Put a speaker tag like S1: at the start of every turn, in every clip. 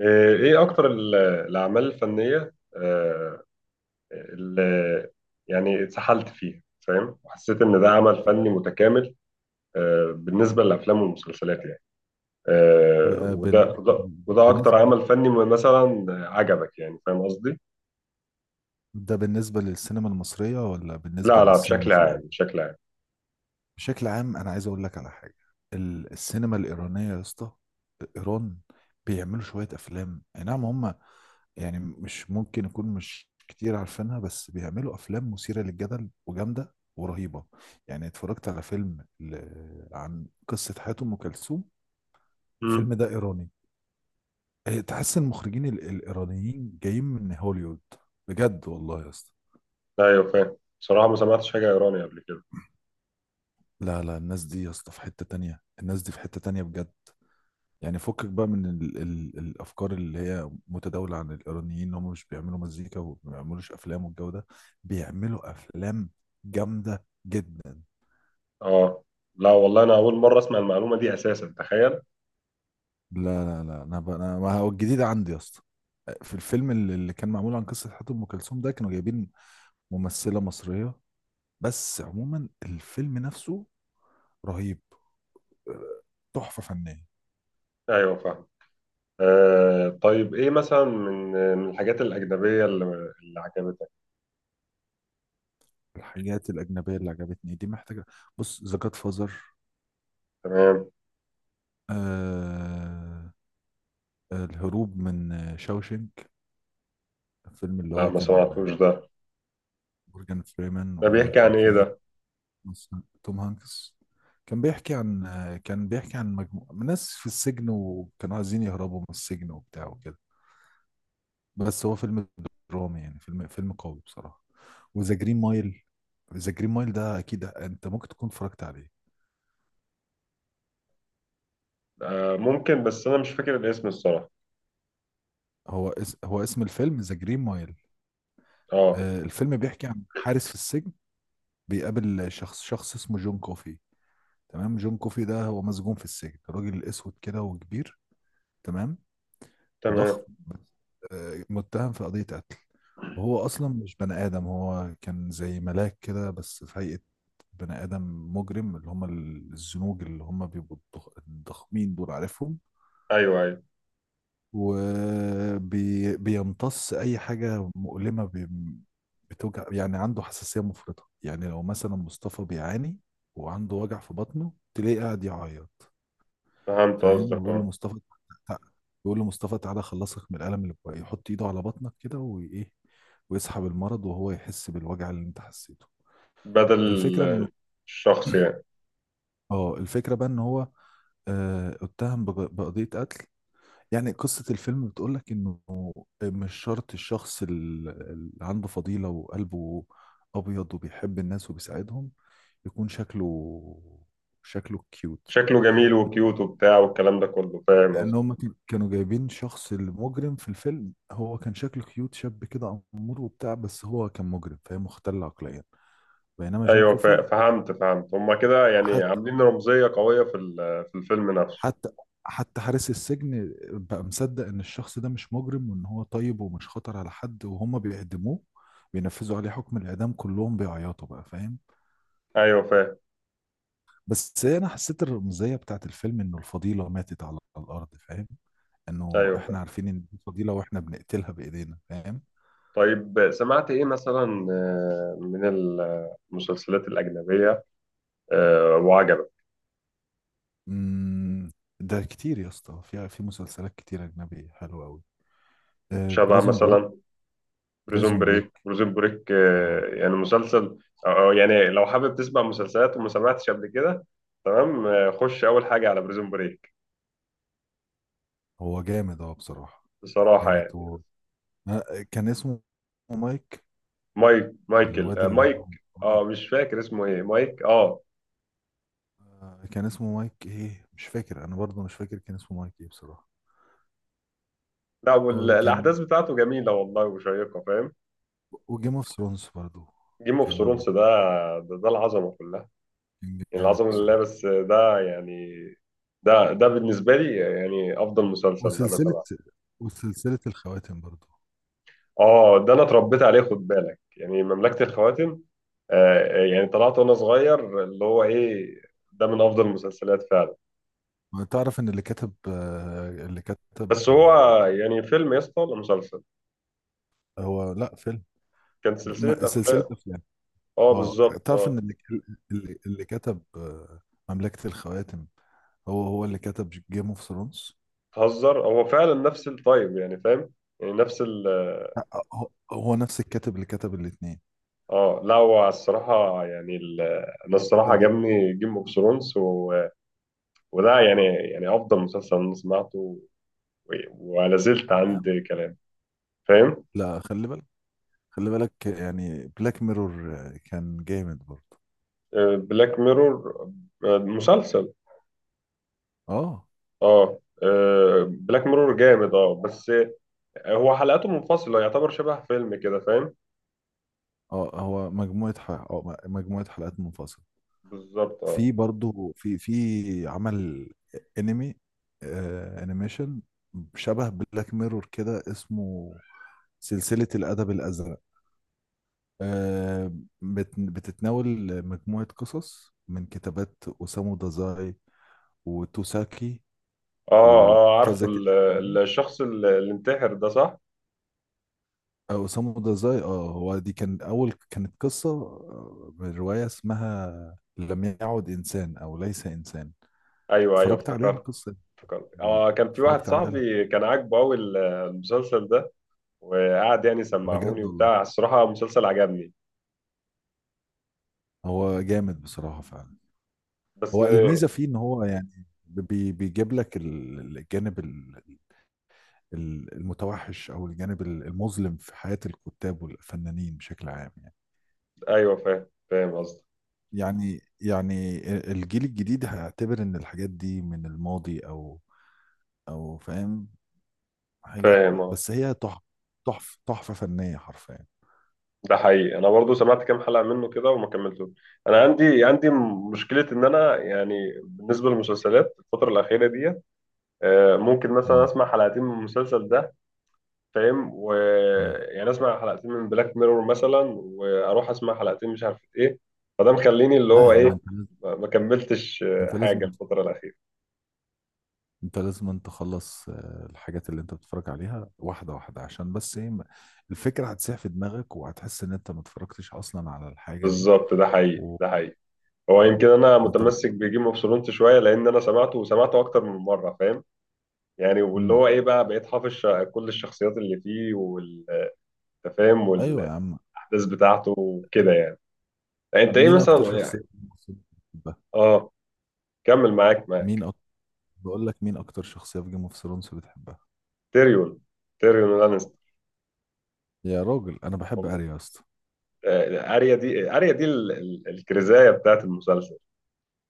S1: ايه اكتر الاعمال الفنيه، اللي يعني اتسحلت فيها، فاهم؟ وحسيت ان ده عمل فني متكامل، بالنسبه للافلام والمسلسلات يعني، وده
S2: بالنسبة
S1: وده وده اكتر
S2: بالنسبة
S1: عمل فني مثلا عجبك، يعني فاهم قصدي؟
S2: بالنسبة للسينما المصرية ولا بالنسبة
S1: لا، لا،
S2: للسينما
S1: بشكل
S2: في
S1: عام
S2: العموم؟
S1: بشكل عام.
S2: بشكل عام أنا عايز أقول لك على حاجة. السينما الإيرانية يا اسطى، إيران، بيعملوا شوية أفلام، أي نعم هم يعني مش ممكن يكون، مش كتير عارفينها، بس بيعملوا أفلام مثيرة للجدل وجامدة ورهيبة. يعني اتفرجت على فيلم عن قصة حياة أم كلثوم، الفيلم
S1: مم.
S2: ده إيراني. إيه، تحس المخرجين الإيرانيين جايين من هوليوود، بجد والله يا اسطى.
S1: ايوه، فاهم، بصراحه ما سمعتش حاجه ايراني قبل كده.
S2: لا لا، الناس دي يا اسطى في حتة تانية، الناس دي في حتة تانية بجد. يعني فكك بقى من ال الأفكار اللي هي متداولة عن الإيرانيين إن هم مش بيعملوا مزيكا وما بيعملوش أفلام والجو ده. بيعملوا أفلام جامدة جدا.
S1: اه، لا والله انا اول مره اسمع المعلومه دي اساسا، تخيل.
S2: لا لا، لا أنا بقى أنا، ما هو الجديد عندي يا اسطى في الفيلم اللي كان معمول عن قصة حياة أم كلثوم ده، كانوا جايبين ممثلة مصرية، بس عموما الفيلم نفسه رهيب، آه، تحفة فنية.
S1: ايوه فاهم. طيب، ايه مثلا من الحاجات الأجنبية اللي عجبتك؟
S2: الحاجات الأجنبية اللي عجبتني دي محتاجة. بص، ذا جاد فازر،
S1: تمام.
S2: آه الهروب من شاوشنك، الفيلم اللي
S1: لا،
S2: هو
S1: ما
S2: كان
S1: سمعتوش ده.
S2: مورجان فريمان،
S1: ده بيحكي
S2: وكان
S1: عن ايه
S2: فيه
S1: ده؟
S2: توم هانكس. كان بيحكي عن، كان بيحكي عن مجموعة من ناس في السجن، وكانوا عايزين يهربوا من السجن وبتاع وكده، بس هو فيلم درامي، يعني فيلم قوي بصراحة. وذا جرين مايل، ذا جرين مايل ده اكيد انت ممكن تكون اتفرجت عليه.
S1: آه، ممكن، بس انا مش فاكر الاسم الصراحة.
S2: هو اسم الفيلم ذا جرين مايل.
S1: اه.
S2: آه، الفيلم بيحكي عن حارس في السجن بيقابل شخص اسمه جون كوفي. تمام. جون كوفي ده هو مسجون في السجن، راجل اسود كده وكبير، تمام، وضخم،
S1: تمام.
S2: بس متهم في قضية قتل. وهو اصلا مش بني ادم، هو كان زي ملاك كده بس في هيئة بني ادم مجرم، اللي هم الزنوج اللي هم بيبقوا الضخمين دول، عارفهم.
S1: ايوه، ايوه،
S2: وبيمتص اي حاجة مؤلمة بتوجع، يعني عنده حساسية مفرطة. يعني لو مثلا مصطفى بيعاني وعنده وجع في بطنه، تلاقيه قاعد يعيط.
S1: فهمت
S2: فاهم؟
S1: قصدك،
S2: ويقول له
S1: اه.
S2: مصطفى تع- يقول له: مصطفى تعالى اخلصك من الالم اللي بقى، يحط ايده على بطنك كده وايه، ويسحب المرض، وهو يحس بالوجع اللي انت حسيته. الفكره
S1: بدل
S2: انه،
S1: الشخص يعني.
S2: اه الفكره بقى ان هو اتهم بقضيه قتل. يعني قصه الفيلم بتقول لك انه مش شرط الشخص اللي عنده فضيله وقلبه ابيض وبيحب الناس وبيساعدهم يكون شكله، شكله كيوت.
S1: شكله جميل وكيوت وبتاع، والكلام ده كله، فاهم
S2: لان
S1: قصدي؟
S2: هم كانوا جايبين شخص المجرم في الفيلم، هو كان شكله كيوت، شاب كده امور وبتاع، بس هو كان مجرم، فهي مختل عقليا. بينما جون
S1: ايوه،
S2: كوفي،
S1: فهمت. هما كده يعني
S2: حتى
S1: عاملين رمزية قوية في الفيلم نفسه.
S2: حتى حتى حارس السجن بقى مصدق ان الشخص ده مش مجرم، وان هو طيب ومش خطر على حد، وهم بيعدموه، بينفذوا عليه حكم الاعدام كلهم بيعيطوا بقى، فاهم؟
S1: ايوه فاهم.
S2: بس انا حسيت الرمزيه بتاعت الفيلم انه الفضيله ماتت على الارض، فاهم؟ انه
S1: ايوه فاهم.
S2: احنا عارفين ان دي فضيله واحنا بنقتلها بايدينا، فاهم؟
S1: طيب، سمعت إيه مثلا من المسلسلات الأجنبية، وعجبك؟
S2: مم، ده كتير يا اسطى، في مسلسلات كتير اجنبي حلوه قوي.
S1: شبه
S2: بريزون بريك.
S1: مثلا بريزون
S2: بريزون
S1: بريك.
S2: بريك
S1: بريزون بريك
S2: اه،
S1: يعني مسلسل؟ أو يعني لو حابب تسمع مسلسلات وما سمعتش قبل كده، تمام، خش أول حاجة على بريزون بريك.
S2: هو جامد اه بصراحه،
S1: بصراحة يعني.
S2: جامد و كان اسمه مايك،
S1: مايك، مايكل،
S2: الواد اللي هو
S1: مايك،
S2: آه،
S1: اه، مش فاكر اسمه ايه، مايك، اه.
S2: كان اسمه مايك ايه مش فاكر، انا برضه مش فاكر كان اسمه مايك ايه بصراحه.
S1: لا،
S2: وكان،
S1: الأحداث بتاعته جميلة والله وشيقة، فاهم؟
S2: وجيم اوف ثرونز برضه،
S1: جيم اوف
S2: كان
S1: ثرونز ده، ده العظمة كلها.
S2: كان جامد
S1: العظمة لله،
S2: بصراحه.
S1: بس ده يعني، ده بالنسبة لي يعني أفضل مسلسل أنا
S2: وسلسله
S1: سمعته.
S2: وسلسله الخواتم برضه.
S1: ده أنا اتربيت عليه، خد بالك، يعني مملكة الخواتم. يعني طلعت وأنا صغير اللي هو إيه، ده من أفضل المسلسلات فعلا.
S2: تعرف ان اللي كتب، اللي كتب،
S1: بس هو يعني فيلم يا اسطى ولا مسلسل؟
S2: هو لا فيلم،
S1: كان سلسلة
S2: سلسلة
S1: أفلام.
S2: أفلام.
S1: آه،
S2: اه،
S1: بالظبط،
S2: تعرف
S1: آه.
S2: إن اللي، اللي كتب مملكة الخواتم هو هو اللي كتب جيم اوف ثرونز.
S1: تهزر؟ هو فعلا نفس التايب، يعني فاهم؟ يعني نفس ال.
S2: هو هو نفس الكاتب اللي كتب الاتنين.
S1: لا، هو الصراحة يعني أنا الصراحة
S2: ده-
S1: عجبني جيم أوف ثرونز، و. وده يعني افضل مسلسل انا سمعته، و. ولا زلت عند كلام، فاهم؟
S2: لا خلي بالك، خلي بالك، يعني بلاك ميرور كان جامد برضه.
S1: بلاك ميرور مسلسل؟
S2: اه
S1: اه. بلاك ميرور جامد، اه، بس هو حلقاته منفصلة، يعتبر شبه فيلم كده، فاهم؟
S2: اه هو مجموعة ح... آه، مجموعة حلقات منفصلة.
S1: بالظبط، اه.
S2: في برضه في عمل انمي، آه انيميشن، شبه بلاك ميرور كده، اسمه سلسلة الأدب الأزرق، آه، بتتناول مجموعة قصص من كتابات أوسامو دازاي وتوساكي
S1: اه. اه، عارف
S2: وكذا كده تانيين.
S1: الشخص اللي انتحر ده، صح؟
S2: أوسامو دازاي اه، هو دي كان أول، كانت قصة من رواية اسمها لم يعد إنسان أو ليس إنسان.
S1: ايوه، ايوه،
S2: اتفرجت عليها
S1: افتكرت.
S2: القصة
S1: افتكرت،
S2: دي.
S1: اه، كان في واحد
S2: اتفرجت عليها
S1: صاحبي كان عاجبه قوي المسلسل ده. وقعد يعني سمعهوني
S2: بجد والله،
S1: وبتاع. الصراحة مسلسل عجبني،
S2: هو جامد بصراحة فعلا.
S1: بس.
S2: هو الميزة فيه إن هو يعني بيجيب لك الجانب المتوحش، او الجانب المظلم في حياة الكتاب والفنانين بشكل عام. يعني
S1: ايوه، فاهم، فاهم قصدي.
S2: يعني يعني الجيل الجديد هيعتبر ان الحاجات دي من الماضي، او او فاهم، حاجات،
S1: فاهم، اه.
S2: بس هي تحفة، تحفة فنية حرفيا.
S1: ده حقيقي. انا برضو سمعت كام حلقه منه كده وما كملتوش. انا عندي مشكله، ان انا يعني بالنسبه للمسلسلات الفتره الاخيره دي، ممكن مثلا
S2: مم.
S1: اسمع حلقتين من المسلسل ده، فاهم؟
S2: مم.
S1: ويعني اسمع حلقتين من بلاك ميرور مثلا، واروح اسمع حلقتين مش عارف ايه، فده مخليني اللي
S2: لا يا
S1: هو
S2: عم،
S1: ايه، ما كملتش
S2: انت
S1: حاجه
S2: لازم،
S1: الفتره الاخيره.
S2: انت لازم أن تخلص الحاجات اللي انت بتتفرج عليها واحده واحده، عشان بس ايه الفكره هتسيح في دماغك وهتحس ان انت ما اتفرجتش اصلا على الحاجه دي
S1: بالظبط، ده حقيقي،
S2: و...
S1: ده حقيقي. هو
S2: أو
S1: يمكن انا
S2: انت،
S1: متمسك بجيم اوف ثرونز شويه، لان انا سمعته وسمعته اكتر من مره، فاهم؟ يعني واللي هو ايه بقى، بقيت حافظ كل الشخصيات اللي فيه والتفاهم
S2: ايوه يا
S1: والاحداث
S2: عم.
S1: بتاعته وكده يعني. يعني انت ايه
S2: مين اكتر
S1: مثلا
S2: شخصيه
S1: يعني؟
S2: في Game of Thrones بتحبها؟
S1: اه، كمل معاك
S2: مين أك... بقول لك مين اكتر شخصيه في جيم اوف ثرونز بتحبها؟
S1: تيريون، تيريون لانستر.
S2: يا راجل، انا بحب اريا يا اسطى.
S1: اريا دي الكرزايه بتاعت المسلسل.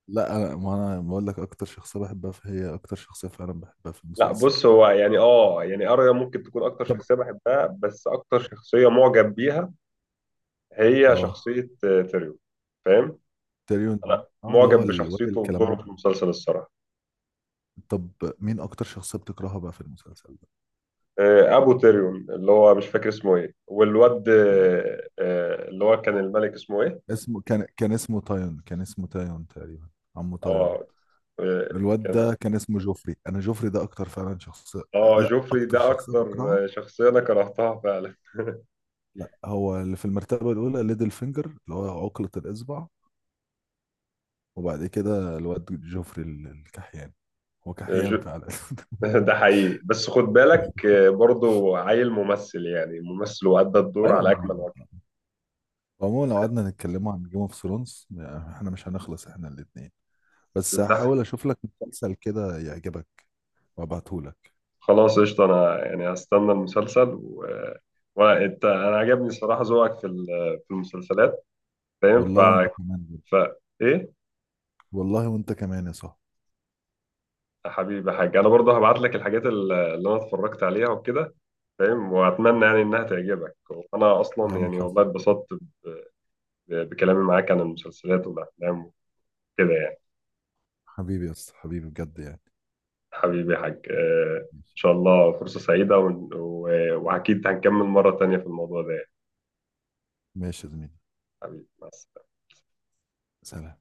S2: لا، انا ما انا بقول لك اكتر شخصيه بحبها، فهي اكتر شخصيه فعلا بحبها في
S1: لا،
S2: المسلسل.
S1: بص، هو يعني، اه يعني، اريا ممكن تكون اكتر
S2: طب.
S1: شخصيه بحبها، بس اكتر شخصيه معجب بيها هي
S2: اه.
S1: شخصيه تيريون، فاهم؟ انا
S2: تيريون اه، اللي
S1: معجب
S2: هو الواد
S1: بشخصيته ودوره في
S2: الكلاماني.
S1: المسلسل، الصراحه.
S2: طب مين اكتر شخصيه بتكرهها بقى في المسلسل ده؟
S1: ابو تيريون، اللي هو مش فاكر اسمه ايه، والواد
S2: آه.
S1: آه، آه، اللي هو كان الملك، اسمه ايه؟
S2: اسمه كان، كان اسمه تايون تقريبا، عمو
S1: اه.
S2: تايون.
S1: آه،
S2: الواد
S1: كان.
S2: ده كان اسمه جوفري، انا جوفري ده اكتر فعلا شخصيه،
S1: اه،
S2: لا
S1: جوفري
S2: اكتر
S1: ده
S2: شخصيه
S1: اكتر
S2: بكرهها.
S1: آه، شخصيه انا كرهتها فعلا.
S2: لا، هو اللي في المرتبة الأولى ليدل فينجر اللي هو عقلة الإصبع، وبعد كده الواد جوفري الكحيان، هو كحيان
S1: جو-
S2: فعلا.
S1: ده حقيقي، بس خد بالك برضو عيل ممثل، يعني ممثل، وأدى الدور
S2: أيوة
S1: على اكمل وجه.
S2: عموما لو قعدنا نتكلموا عن جيم اوف ثرونز احنا مش هنخلص احنا الاتنين، بس
S1: ده.
S2: هحاول أشوف لك مسلسل كده يعجبك وأبعتهولك.
S1: خلاص، قشطه. انا يعني هستنى المسلسل، و. وانت، انا عجبني صراحه ذوقك في المسلسلات، فاهم، ف،
S2: والله وأنت كمان يا-
S1: ف، ايه.
S2: والله وأنت كمان يا صاحبي.
S1: حبيبي يا حاج، انا برضه هبعت لك الحاجات اللي انا اتفرجت عليها وكده، فاهم؟ واتمنى يعني انها تعجبك. انا
S2: يا
S1: اصلا
S2: عم
S1: يعني
S2: خلص.
S1: والله اتبسطت بكلامي معاك عن المسلسلات والافلام وكده يعني.
S2: حبيبي يا اسطى، حبيبي بجد يعني.
S1: حبيبي يا حاج، ان
S2: ماشي،
S1: شاء الله فرصة سعيدة، واكيد هنكمل مرة تانية في الموضوع ده يعني.
S2: ماشي يا زميلي.
S1: حبيبي، مع السلامة.
S2: سلام.